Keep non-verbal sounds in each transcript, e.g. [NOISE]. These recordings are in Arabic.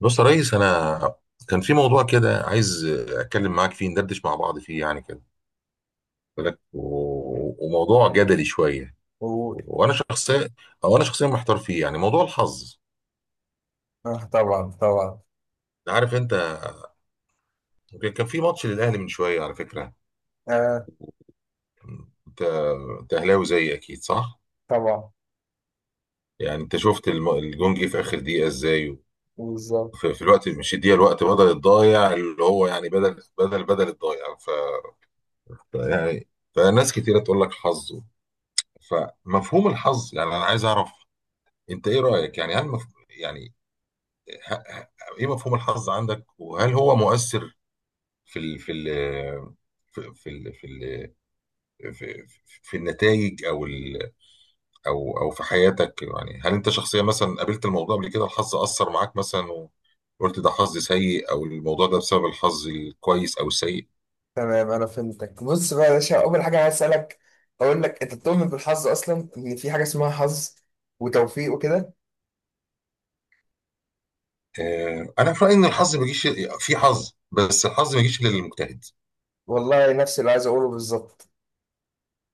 بص يا ريس، كان في موضوع كده عايز اتكلم معاك فيه، ندردش مع بعض فيه يعني كده. قلت لك و- وموضوع جدلي شويه، قول. وانا شخصيا او انا شخصيا محتار فيه، يعني موضوع الحظ. آه طبعا طبعا. انت عارف كان في ماتش للاهلي من شويه على فكره. آه. انت انت اهلاوي زيي اكيد صح؟ طبعا يعني انت شفت الجون جه في اخر دقيقه ازاي، بالظبط. في الوقت، مش الدقيقه، الوقت بدل الضايع، اللي هو يعني بدل الضايع. ف يعني فناس كتيره تقول لك حظ. فمفهوم الحظ، يعني انا عايز اعرف انت ايه رايك. يعني هل مف... يعني ه... ه... ايه مفهوم الحظ عندك، وهل هو مؤثر في ال... في ال... في في ال... في ال... في, في النتائج او في حياتك؟ يعني هل انت شخصيا مثلا قابلت الموضوع قبل كده؟ الحظ اثر معاك مثلا وقلت ده حظ سيء، او الموضوع ده بسبب الحظ الكويس او السيء؟ تمام، انا فهمتك. بص بقى يا باشا، اول حاجه عايز اسالك، اقول لك انت بتؤمن بالحظ اصلا؟ ان في حاجه اسمها حظ وتوفيق وكده. انا في رايي ان الحظ ما بيجيش. في حظ، بس الحظ ما بيجيش الا للمجتهد. والله نفس اللي عايز اقوله بالظبط.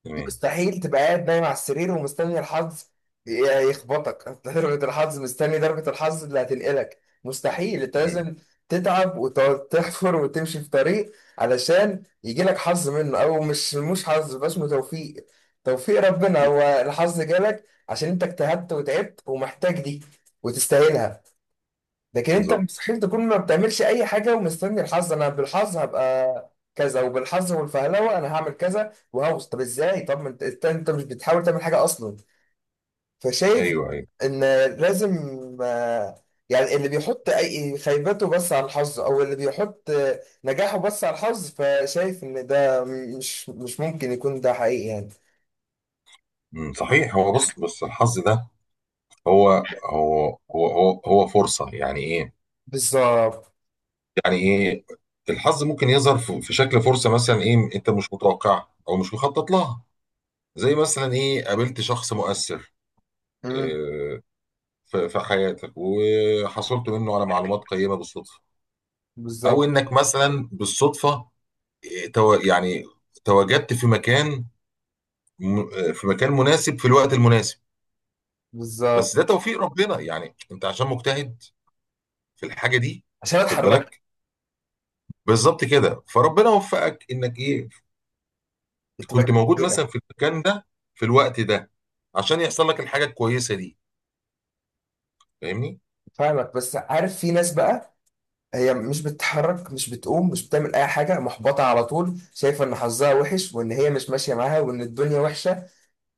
تمام. مستحيل تبقى قاعد نايم على السرير ومستني الحظ يخبطك [LAUGHS] ضربة الحظ، مستني ضربة الحظ اللي هتنقلك. مستحيل، انت مم. لازم تتعب وتقعد تحفر وتمشي في طريق علشان يجيلك حظ منه، او مش حظ بس اسمه توفيق. توفيق ربنا هو الحظ جالك عشان انت اجتهدت وتعبت ومحتاج دي وتستاهلها. لكن انت بالظبط. مستحيل تكون ما بتعملش اي حاجه ومستني الحظ، انا بالحظ هبقى كذا وبالحظ والفهلوه انا هعمل كذا وهوصل. طب ازاي؟ طب ما انت انت مش بتحاول تعمل حاجه اصلا. فشايف ايوه ايوه. ان لازم، يعني اللي بيحط اي خيبته بس على الحظ، او اللي بيحط نجاحه بس على الحظ، فشايف ان ده مش ممكن يكون ده حقيقي يعني. مم. صحيح. هو بص الحظ ده هو هو فرصة. يعني ايه بالظبط. يعني ايه الحظ؟ ممكن يظهر في شكل فرصة مثلا، ايه، انت مش متوقعها او مش مخطط لها. زي مثلا ايه، قابلت شخص مؤثر مم. إيه، في في حياتك، وحصلت منه على معلومات قيمة بالصدفة. او بالظبط. انك مثلا بالصدفة إيه، تو- يعني تواجدت في مكان، في مكان مناسب في الوقت المناسب. بس بالظبط. ده توفيق ربنا، يعني انت عشان مجتهد في الحاجة دي عشان واخد اتحركت. بالك. بالظبط كده، فربنا وفقك انك ايه، كنت كنت بجيب موجود كده. مثلا في المكان ده في الوقت ده، عشان يحصل لك الحاجه الكويسه دي. فاهمني. فاهمك، بس عارف في ناس بقى هي مش بتتحرك، مش بتقوم، مش بتعمل اي حاجه، محبطه على طول، شايفه ان حظها وحش وان هي مش ماشيه معاها وان الدنيا وحشه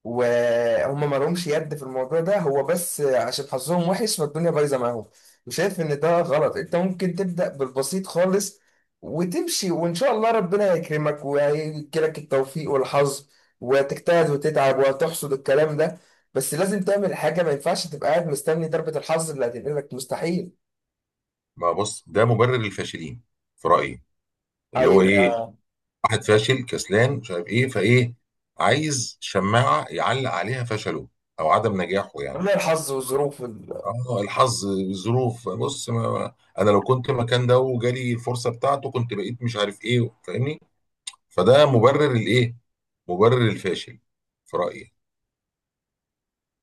وهم ما لهمش يد في الموضوع ده، هو بس عشان حظهم وحش فالدنيا بايظه معاهم. وشايف ان ده غلط. انت ممكن تبدا بالبسيط خالص وتمشي، وان شاء الله ربنا هيكرمك وهيجيلك التوفيق والحظ، وتجتهد وتتعب وتحصد الكلام ده. بس لازم تعمل حاجه، ما ينفعش تبقى قاعد مستني ضربه الحظ اللي هتنقلك، مستحيل. ما بص ده مبرر للفاشلين في رايي، اللي هو هي- ايه، واحد فاشل كسلان مش عارف ايه فايه، عايز شماعه يعلق عليها فشله او عدم نجاحه، يعني. لولا الحظ والظروف ال... اه، الحظ، الظروف، بص انا لو كنت مكان ده وجالي الفرصه بتاعته كنت بقيت مش عارف ايه. فاهمني. فده مبرر الايه، مبرر الفاشل في رايي.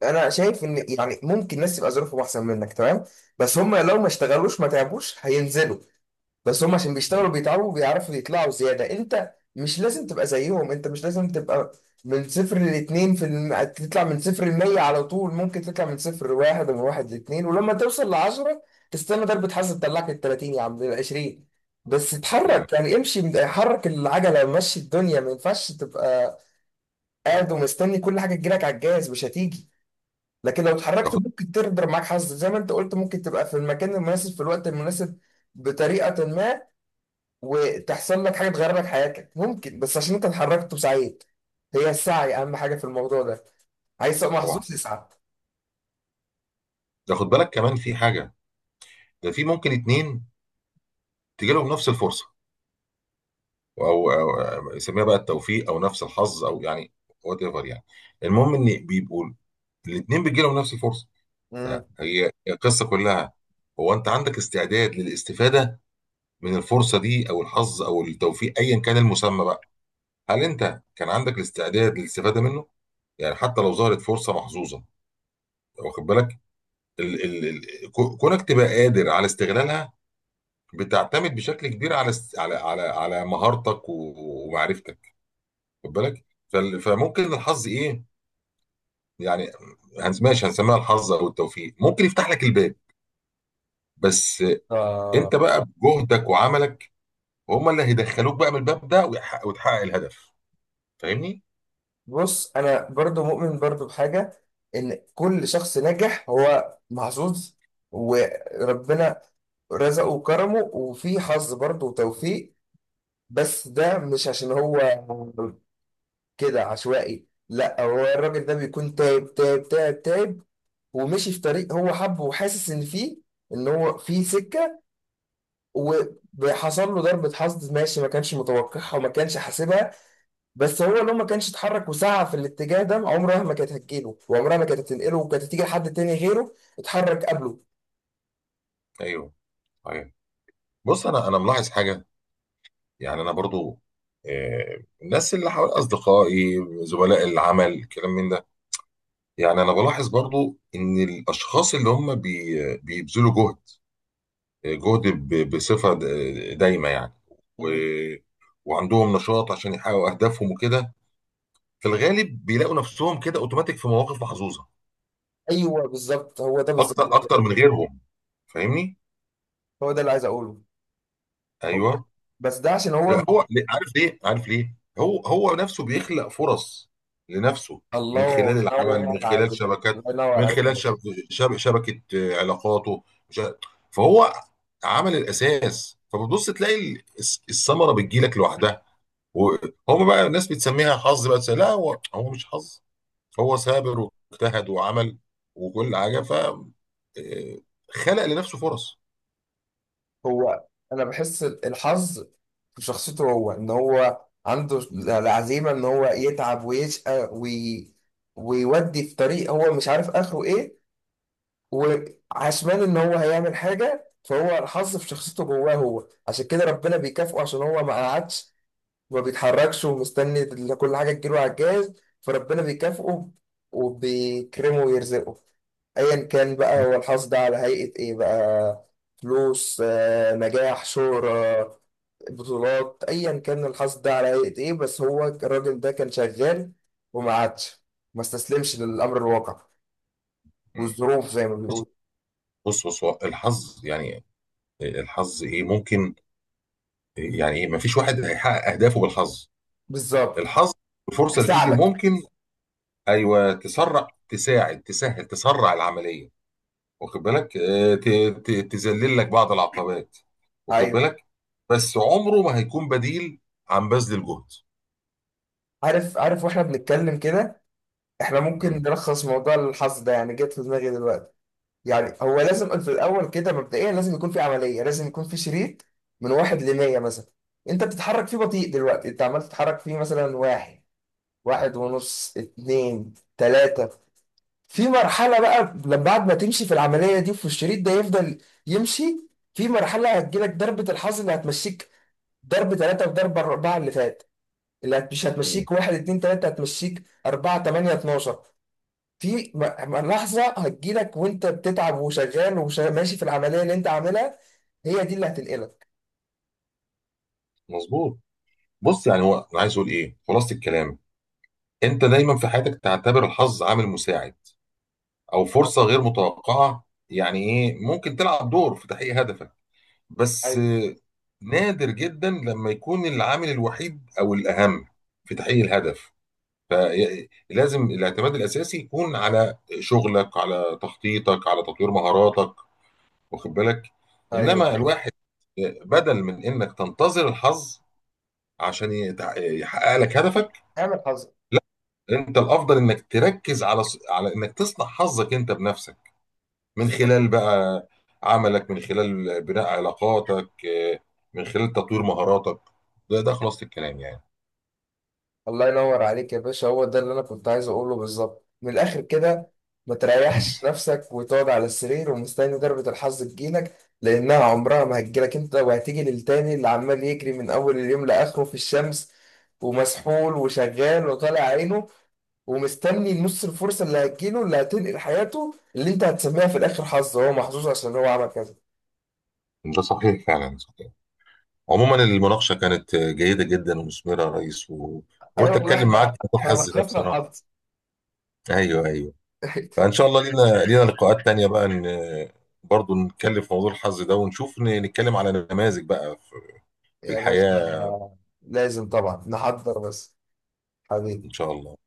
انا شايف ان يعني ممكن ناس تبقى ظروفهم احسن منك، تمام، بس هم لو ما اشتغلوش ما تعبوش هينزلوا. بس هم عشان بيشتغلوا بيتعبوا بيعرفوا يطلعوا زياده. انت مش لازم تبقى زيهم، انت مش لازم تبقى من صفر لاتنين في الم... تطلع من صفر لمية على طول، ممكن تطلع من صفر لواحد ومن واحد لاتنين، ولما توصل لعشرة تستنى ضربة حظ تطلعك التلاتين يا عم العشرين. بس مم. اتحرك يعني، امشي، حرك العجلة، مشي الدنيا. ما ينفعش تبقى قاعد ايوه. ومستني كل حاجه تجيلك على الجهاز، مش هتيجي. لكن لو اتحركت تاخد. ممكن تقدر معاك حظ زي ما انت قلت، ممكن تبقى في المكان المناسب في الوقت المناسب، بطريقه ما، وتحصل لك حاجه تغير لك حياتك، ممكن، بس عشان انت اتحركت وسعيت. هي السعي اهم حاجه في الموضوع ده. عايز تبقى طبعا محظوظ، اسعى. تاخد بالك كمان في حاجه. ده في ممكن اتنين تجي لهم نفس الفرصه، او يسميها بقى التوفيق، او نفس الحظ، او يعني وات ايفر، يعني. المهم ان بيبقوا الاتنين بيجي لهم نفس الفرصه. امم. فهي القصه كلها، هو انت عندك استعداد للاستفاده من الفرصه دي، او الحظ، او التوفيق، ايا كان المسمى بقى. هل انت كان عندك الاستعداد للاستفاده منه؟ يعني حتى لو ظهرت فرصه محظوظه، واخد بالك، ال ال ال كونك تبقى قادر على استغلالها بتعتمد بشكل كبير على على على مهارتك ومعرفتك. خد بالك. فممكن الحظ ايه، يعني ماشي هنسميها الحظ او التوفيق، ممكن يفتح لك الباب، بس انت آه. بقى بجهدك وعملك هم اللي هيدخلوك بقى من الباب ده وتحقق الهدف. فاهمني. بص، انا برضو مؤمن برضو بحاجه ان كل شخص ناجح هو محظوظ وربنا رزقه وكرمه وفي حظ برضه وتوفيق. بس ده مش عشان هو كده عشوائي، لا، هو الراجل ده بيكون تايب ومشي في طريق هو حبه وحاسس ان فيه، ان هو فيه سكه، وحصل له ضربه حظ، ماشي، ما كانش متوقعها وما كانش حاسبها. بس هو لو ما كانش اتحرك وسعى في الاتجاه ده عمرها ما كانت هتجيله، وعمرها ما كانت هتنقله، وكانت هتيجي لحد تاني غيره اتحرك قبله. ايوه ايوه. بص انا ملاحظ حاجه. يعني انا برضو، الناس اللي حوالي، اصدقائي، زملاء العمل، الكلام من ده، يعني انا بلاحظ برضو ان الاشخاص اللي هم بيبذلوا جهد بصفة دايمة يعني، و... مم. وعندهم نشاط عشان يحققوا أهدافهم وكده، في الغالب بيلاقوا نفسهم كده أوتوماتيك في مواقف محظوظة ايوه بالظبط، هو ده بالظبط اللي أكتر عايز أكتر أقوله. من غيرهم. فاهمني؟ هو ده اللي عايز اقوله، هو أيوه. بس ده عشان هو. عارف ليه؟ عارف ليه؟ هو نفسه بيخلق فرص لنفسه، من خلال الله العمل، ينور من خلال عليك. شبكات، الله ينور من عليك يا خلال باشا. شبكة علاقاته، مش عارف. فهو عمل الأساس، فبتبص تلاقي الثمرة بتجيلك لوحدها، وهم بقى الناس بتسميها حظ. بقى لا، هو مش حظ، هو ثابر واجتهد وعمل وكل حاجه. ف آه، خلق لنفسه فرص. هو انا بحس الحظ في شخصيته هو، ان هو عنده العزيمه ان هو يتعب ويشقى وي... ويودي في طريق هو مش عارف اخره ايه، وعشمان ان هو هيعمل حاجه. فهو الحظ في شخصيته جواه هو، عشان كده ربنا بيكافئه عشان هو ما قعدش وما بيتحركش ومستني كل حاجه تجيله على الجاهز. فربنا بيكافئه وبيكرمه ويرزقه، ايا كان م- بقى هو الحظ ده على هيئة ايه بقى: فلوس، نجاح، شهرة، بطولات، ايا كان الحظ ده على هيئة ايه، بس هو الراجل ده كان شغال وما عادش، ما استسلمش للامر الواقع م. والظروف زي ما بص بيقول. بص هو الحظ، يعني الحظ ايه ممكن يعني ايه. ما فيش واحد هيحقق اهدافه بالحظ. بالظبط. الحظ، الفرصه اللي تيجي، بيساعدك. ممكن، ايوه، تسرع، تساعد، تسهل، تسرع العمليه، واخد بالك. تذلل لك بعض العقبات، واخد ايوه. بالك. بس عمره ما هيكون بديل عن بذل الجهد. عارف، عارف. واحنا بنتكلم كده، احنا ممكن مم. نلخص موضوع الحظ ده، يعني جت في دماغي دلوقتي. يعني هو لازم في الاول كده مبدئيا لازم يكون في عمليه، لازم يكون في شريط من واحد ل 100 مثلا، انت بتتحرك فيه بطيء، دلوقتي انت عمال تتحرك فيه مثلا واحد، واحد ونص، اتنين، تلاته. في مرحله بقى، لما بعد ما تمشي في العمليه دي في الشريط ده يفضل يمشي، في مرحله هتجيلك ضربه الحظ اللي هتمشيك ضرب تلاته وضرب اربعه اللي فات، مش مم. هتمشيك واحد اتنين تلاته، هتمشيك اربعه تمانيه اتناشر. في م- لحظة هتجيلك وانت بتتعب وشغال وماشي في العملية اللي انت عاملها، هي دي اللي هتنقلك. مظبوط. بص يعني هو انا عايز اقول ايه خلاصه الكلام. انت دايما في حياتك تعتبر الحظ عامل مساعد او فرصه غير متوقعه، يعني ايه، ممكن تلعب دور في تحقيق هدفك، بس ايوه. نادر جدا لما يكون العامل الوحيد او الاهم في تحقيق الهدف. فلازم الاعتماد الاساسي يكون على شغلك، على تخطيطك، على تطوير مهاراتك، واخد بالك. ايوه، انما الواحد، بدل من انك تنتظر الحظ عشان يحقق لك هدفك، اعمل حظ. لا، انت الافضل انك تركز على على انك تصنع حظك انت بنفسك، من بالظبط. خلال بقى عملك، من خلال بناء علاقاتك، من خلال تطوير مهاراتك. ده خلاصة الكلام يعني. الله ينور عليك يا باشا، هو ده اللي انا كنت عايز اقوله بالظبط من الاخر كده. ما تريحش [LAUGHS] نفسك وتقعد على السرير ومستني ضربة الحظ تجيلك، لانها عمرها ما هتجيلك انت، وهتيجي للتاني اللي عمال يجري من اول اليوم لاخره في الشمس ومسحول وشغال وطالع عينه، ومستني نص الفرصه اللي هتجيله اللي هتنقل حياته، اللي انت هتسميها في الاخر حظ، هو محظوظ عشان هو عمل كذا. ده صحيح فعلا. عموما المناقشة كانت جيدة جدا ومثمرة يا ريس، ايوه وقلت والله، أتكلم احنا معاك في موضوع احنا الحظ ده لخصنا بصراحة. الحظ. أيوه أيوه. فإن [LAUGHS] شاء الله لينا لقاءات تانية بقى، إن برضه نتكلم في موضوع الحظ ده ونشوف، نتكلم على نماذج بقى في في يا باشا الحياة. لازم طبعا نحضر، بس إن حبيبي. شاء الله.